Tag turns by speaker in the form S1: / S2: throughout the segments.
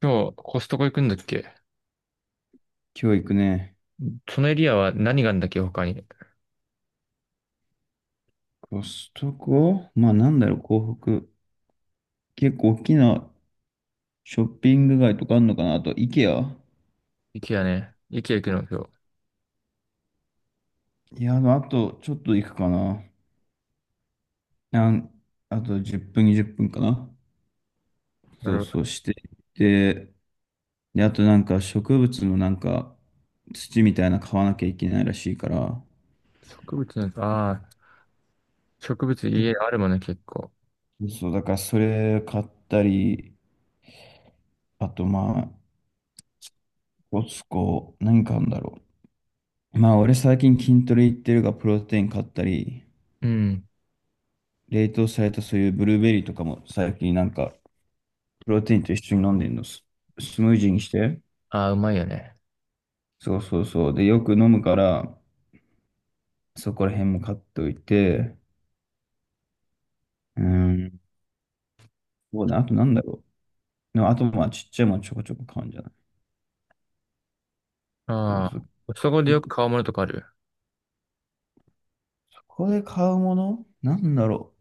S1: 今日、コストコ行くんだっけ。
S2: 今日行くね。
S1: そのエリアは何があるんだっけ、他に。
S2: コストコ、まあなんだろう、港北。結構大きなショッピング街とかあるのかなあと、イケア。
S1: 池やね。池行くの今日。
S2: いや、あとちょっと行くかな。なんあと10分、20分かな。
S1: な
S2: そ
S1: る
S2: う
S1: ほ
S2: そ
S1: ど。
S2: う、していって、で、あとなんか植物のなんか土みたいな買わなきゃいけないらしいから、
S1: 植物の、ああ、植物家あるもんね、結構。
S2: そう、だからそれ買ったり、あとまあ、コスコ、何買うんだろう。まあ俺最近筋トレ行ってるが、プロテイン買ったり、
S1: うん。
S2: 冷凍されたそういうブルーベリーとかも最近なんか、プロテインと一緒に飲んでんの、スムージーにして。
S1: ああ、うまいよね。
S2: そうそうそう。で、よく飲むから、そこら辺も買っておいて、うん、そうだね、あとなんだろう。でもあとまあちっちゃいものちょこちょこ買うんじゃない。そう
S1: あ
S2: そ
S1: あ、
S2: う。
S1: コストコでよ
S2: 結構
S1: く買うものとかある。
S2: ここで買うものなんだろ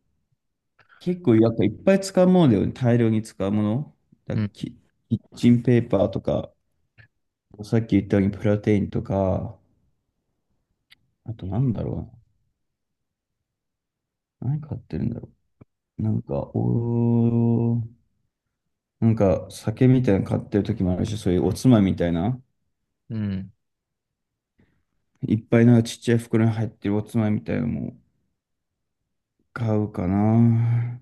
S2: う。結構やっぱいっぱい使うものだよね。大量に使うもの。だ
S1: うん。
S2: キ、キッチンペーパーとか、さっき言ったようにプロテインとか、あとなんだろうな。何買ってるんだろう。なんか、なんか酒みたいなの買ってる時もあるし、そういうおつまみみたいな、
S1: うん。
S2: いっぱいなんかちっちゃい袋に入ってるおつまみみたいなのも買うかな。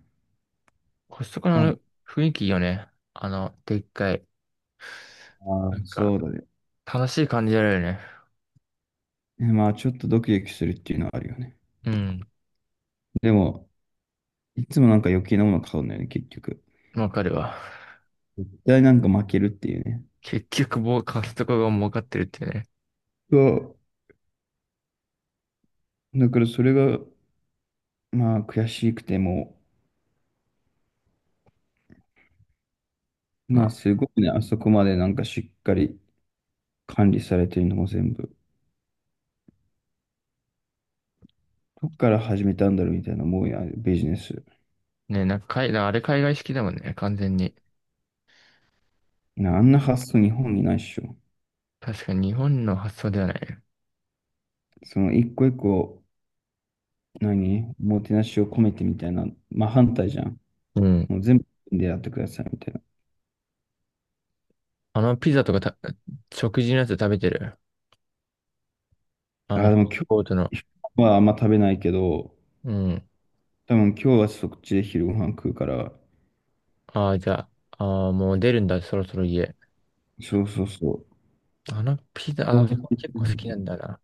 S1: コストコのあ
S2: ああ、
S1: の雰囲気いいよね。あの、でっかい。なんか、
S2: そうだね。
S1: 楽しい感じあるよね。
S2: え、まあ、ちょっとドキドキするっていうのはあるよね。
S1: うん。
S2: でも、いつもなんか余計なもの買うんだよね、結局。
S1: わかるわ。
S2: 絶対なんか負けるっていうね。
S1: 結局、もうコストコが儲かってるっていうね。
S2: そう。だからそれが、まあ、悔しくても、
S1: ま
S2: まあ、
S1: あ、
S2: すごいね、あそこまでなんかしっかり管理されてるのも全部。どっから始めたんだろうみたいな、もうやビジネス。
S1: ね、なんかあれ海外式だもんね、完全に。
S2: なあんな発想日本にないっしょ。
S1: 確かに日本の発想ではないね。
S2: その一個一個、何、おもてなしを込めてみたいな、まあ反対じゃん。
S1: うん。
S2: もう全部でやってくださいみたい
S1: あのピザとかた、食事のやつ食べてる。あ
S2: な。あ
S1: の、
S2: あ、でも今
S1: コートの。
S2: 日はあんま食べないけど、
S1: うん。
S2: 多分今日はそっちで昼ご飯食うから、
S1: ああ、じゃあ、ああ、もう出るんだ、そろそろ家。
S2: そうそうそ
S1: あのピザ、
S2: う。
S1: あー
S2: う
S1: 結構好きなんだな。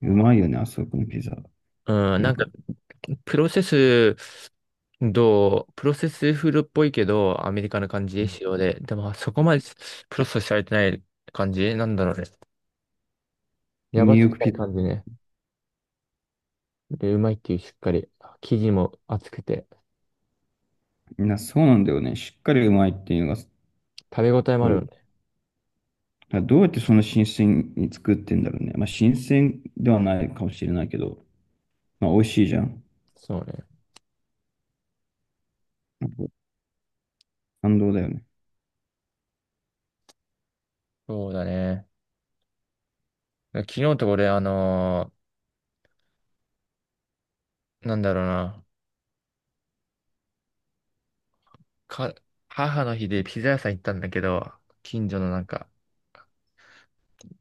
S2: まいよね、あそこのピザ。
S1: うん、
S2: な
S1: なん
S2: ん
S1: か、
S2: か、
S1: プロセス、プロセスフードっぽいけど、アメリカの感じ、仕様で。でも、そこまでプロセスされてない感じなんだろうね。や
S2: ニュ
S1: ば
S2: ー
S1: す
S2: ヨー
S1: ぎ
S2: ク
S1: ない
S2: ピザ。
S1: 感じね。で、うまいっていう、しっかり。生地も厚くて、
S2: みんなそうなんだよね。しっかりうまいっていうのが、
S1: 食べ応えもあるよね。
S2: だからどうやってその新鮮に作ってんだろうね。まあ、新鮮ではないかもしれないけど、まあ、美味しいじゃん。
S1: そうね。
S2: なんか感動だよね。
S1: そうだね。昨日と俺、なんだろうな、か、母の日でピザ屋さん行ったんだけど、近所のなんか、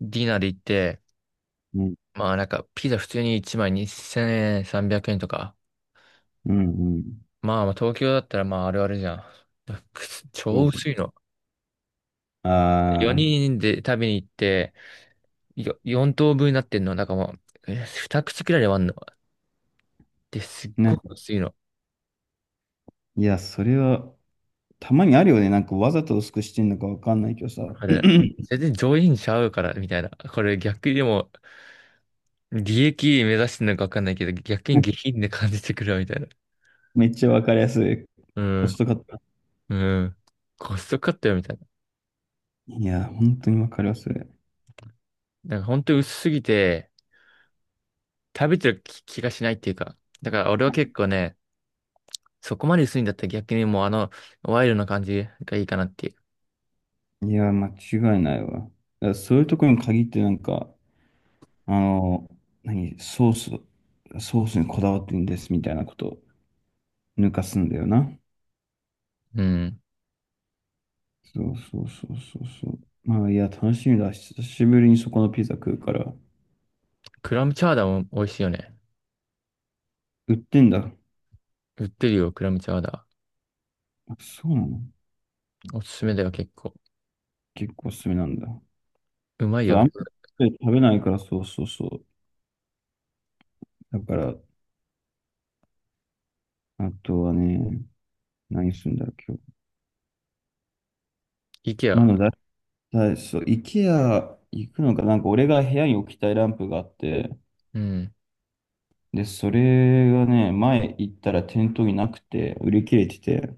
S1: ディナーで行って、
S2: うん、
S1: まあなんか、ピザ普通に1枚2 0円、300円とか。
S2: うん、うん。
S1: まあまあ東京だったらまああるあるじゃん。
S2: そ
S1: 超
S2: う、
S1: 薄いの。
S2: ああ、
S1: 4人で食べに行って、4等分になってんの。なんかもう、2口くらいで割んの。で、すっ
S2: な
S1: ご
S2: ん
S1: く
S2: か、
S1: 薄いの。
S2: いや、それは、たまにあるよね。なんか、わざと薄くしてんのかわかんないけどさ。
S1: わかる。全然上品ちゃうから、みたいな。これ逆にでも、利益目指してるのかわかんないけど、逆に下 品で感じてくるわみたいな。
S2: めっちゃわかりやすい。
S1: う
S2: コ
S1: ん。
S2: ストカット。
S1: うん。コストカットよみたいな。
S2: いや、本当にわかりやすい。
S1: なんから本当に薄すぎて、食べてる気がしないっていうか。だから俺は結構ね、そこまで薄いんだったら逆にもうあの、ワイルドな感じがいいかなっていう。
S2: いや、間違いないわ。だからそういうところに限ってなんか、あの、何、ソース、ソースにこだわってんですみたいなこと抜かすんだよな。
S1: うん。
S2: そうそうそうそうそう。まあ、いや、楽しみだ。久しぶりにそこのピザ食うから。
S1: クラムチャウダーも美味しいよね。
S2: 売ってんだ。
S1: 売ってるよ、クラムチャウダ
S2: あ、そうなの。
S1: ー。おすすめだよ、結構。
S2: 結構おすすめなんだ。
S1: うまい
S2: そう、
S1: よ。
S2: あんまり食べないから、そうそうそう。だから、あとはね、何するんだろう、今日。
S1: イケ
S2: ま
S1: ア。
S2: だだ、そう、IKEA 行くのか、なんか俺が部屋に置きたいランプがあって、
S1: うん。
S2: で、それがね、前行ったら店頭になくて、売り切れてて、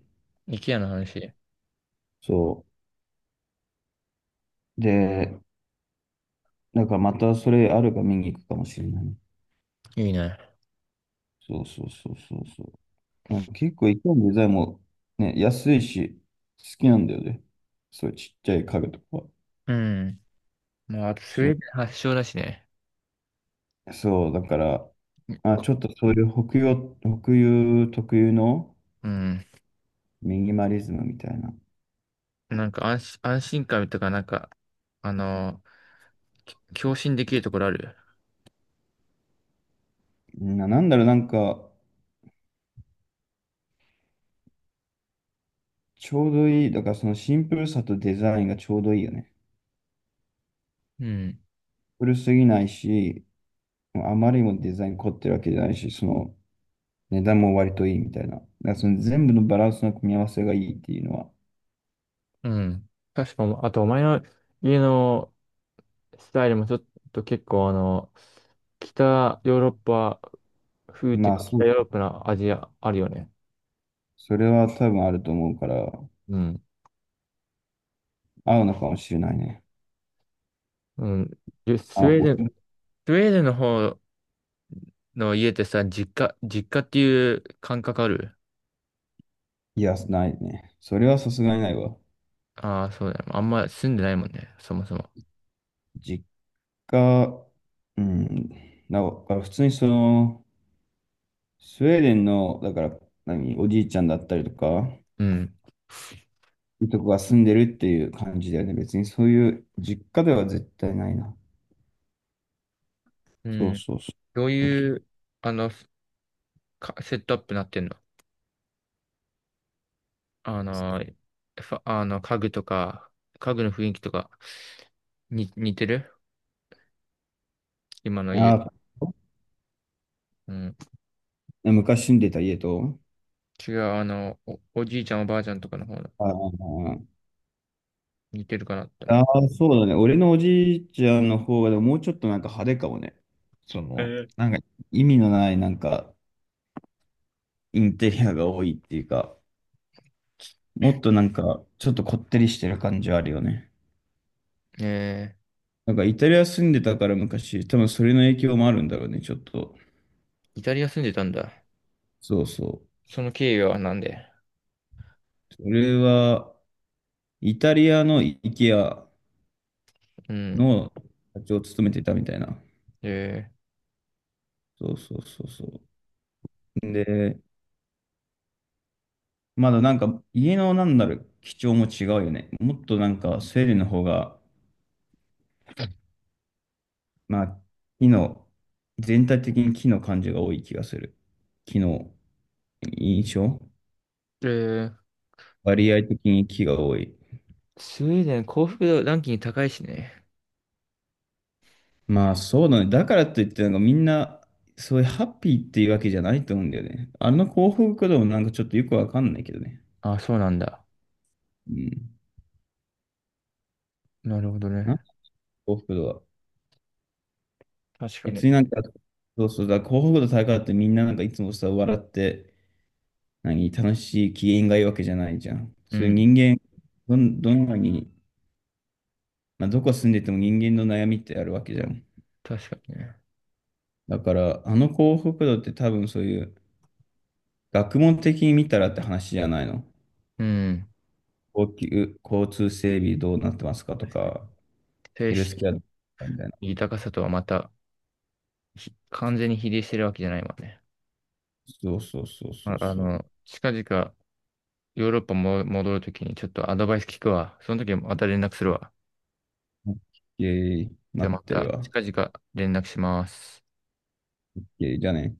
S1: イケアの話。
S2: そう。で、だからまたそれあるか見に行くかもしれないね。
S1: いいね。
S2: そうそうそうそうそう。なんか結構いかにデザインもね、安いし、好きなんだよね。そういうちっちゃい家具とか。
S1: うん。まあ、あとスウ
S2: そ
S1: ェ
S2: う、
S1: ーデン発祥だしね。
S2: そう、だから、あ、ちょっとそういう北洋、北洋特有の
S1: うん。
S2: ミニマリズムみたいな。
S1: なんか安心感とか、なんか、あのー、共振できるところある。
S2: なんだろう、なんか、ちょうどいい。だからそのシンプルさとデザインがちょうどいいよね。
S1: うん。
S2: 古すぎないし、あまりにもデザイン凝ってるわけじゃないし、その値段も割といいみたいな。だからその全部のバランスの組み合わせがいいっていうのは、
S1: うん。確かも、あとお前の家のスタイルもちょっと結構あの、北ヨーロッパ風ってい
S2: ま
S1: う
S2: あ
S1: か
S2: そ
S1: 北
S2: う、
S1: ヨーロッパな味あるよね。
S2: それは多分あると思うから、
S1: うん。
S2: 合うのかもしれないね。
S1: うん。で
S2: あ、
S1: スウェー
S2: お
S1: デン、スウェーデンの方の家ってさ、実家っていう感覚ある。
S2: いや、ないね。それはさすがにないわ。
S1: ああー、そうだよ。あんま住んでないもんね、そもそも。
S2: 実家、うん、だから普通にその、スウェーデンの、だから、何、おじいちゃんだったりとか、
S1: うん。
S2: いとこが住んでるっていう感じだよね。別にそういう実家では絶対ないな。
S1: う
S2: そう
S1: ん。
S2: そうそ
S1: どう
S2: う。
S1: いう、あの、セットアップなってんの。あのー、あの、家具とか、家具の雰囲気とか、似てる今の家。
S2: あ
S1: うん。
S2: ー、昔住んでた家と、
S1: 違う、あの、おじいちゃんおばあちゃんとかの方の、
S2: ああ、
S1: 似てるかなって思う。
S2: ああ、そうだね。俺のおじいちゃんの方が、でももうちょっとなんか派手かもね。その、
S1: え
S2: なんか意味のないなんかインテリアが多いっていうか、もっとなんかちょっとこってりしてる感じはあるよね。
S1: ー、え
S2: なんかイタリア住んでたから昔、多分それの影響もあるんだろうね、ちょっと。
S1: ー、イタリア住んでたんだ。
S2: そうそう。
S1: その経緯はなんで。
S2: それは、イタリアの IKEA
S1: うん。
S2: の社長を務めてたみたいな。
S1: え
S2: そうそうそうそう。で、まだなんか家のなんだろう、基調も違うよね。もっとなんかスウェーデンの方が、まあ、木の、全体的に木の感じが多い気がする。木の印象、
S1: ー、えー、
S2: 割合的に木が多い。
S1: スウェーデン幸福度ランキング高いしね。
S2: まあそうだね。だからといってなんかみんな、そういうハッピーっていうわけじゃないと思うんだよね。あの幸福度もなんかちょっとよくわかんないけどね。
S1: あ、そうなんだ。
S2: うん。
S1: なるほどね。
S2: なんか幸福度は。
S1: 確か
S2: 別
S1: に。
S2: になんか、そうそうだ、幸福度高いってみんななんかいつもさ、笑って、何、楽しい機嫌がいいわけじゃないじゃん。
S1: う
S2: そういう
S1: ん。
S2: 人間、どんなに、まあ、どこ住んでても人間の悩みってあるわけじゃん。
S1: 確かにね。
S2: だから、あの幸福度って多分そういう、学問的に見たらって話じゃないの。
S1: うん。
S2: 高級、交通整備どうなってますかと
S1: 確かに。
S2: か、
S1: 精
S2: ヘルス
S1: 神
S2: ケアどうなってますかみたいな。
S1: 豊かさとはまた完全に比例してるわけじゃないもんね。
S2: そうそうそうそ
S1: あ、
S2: う
S1: あ
S2: そ
S1: の、近々ヨーロッパも戻るときにちょっとアドバイス聞くわ。その時また連絡するわ。
S2: う。オッケー、
S1: じゃあ
S2: 待っ
S1: ま
S2: てる
S1: た
S2: わ。オ
S1: 近々連絡します。
S2: ッケー、じゃあね。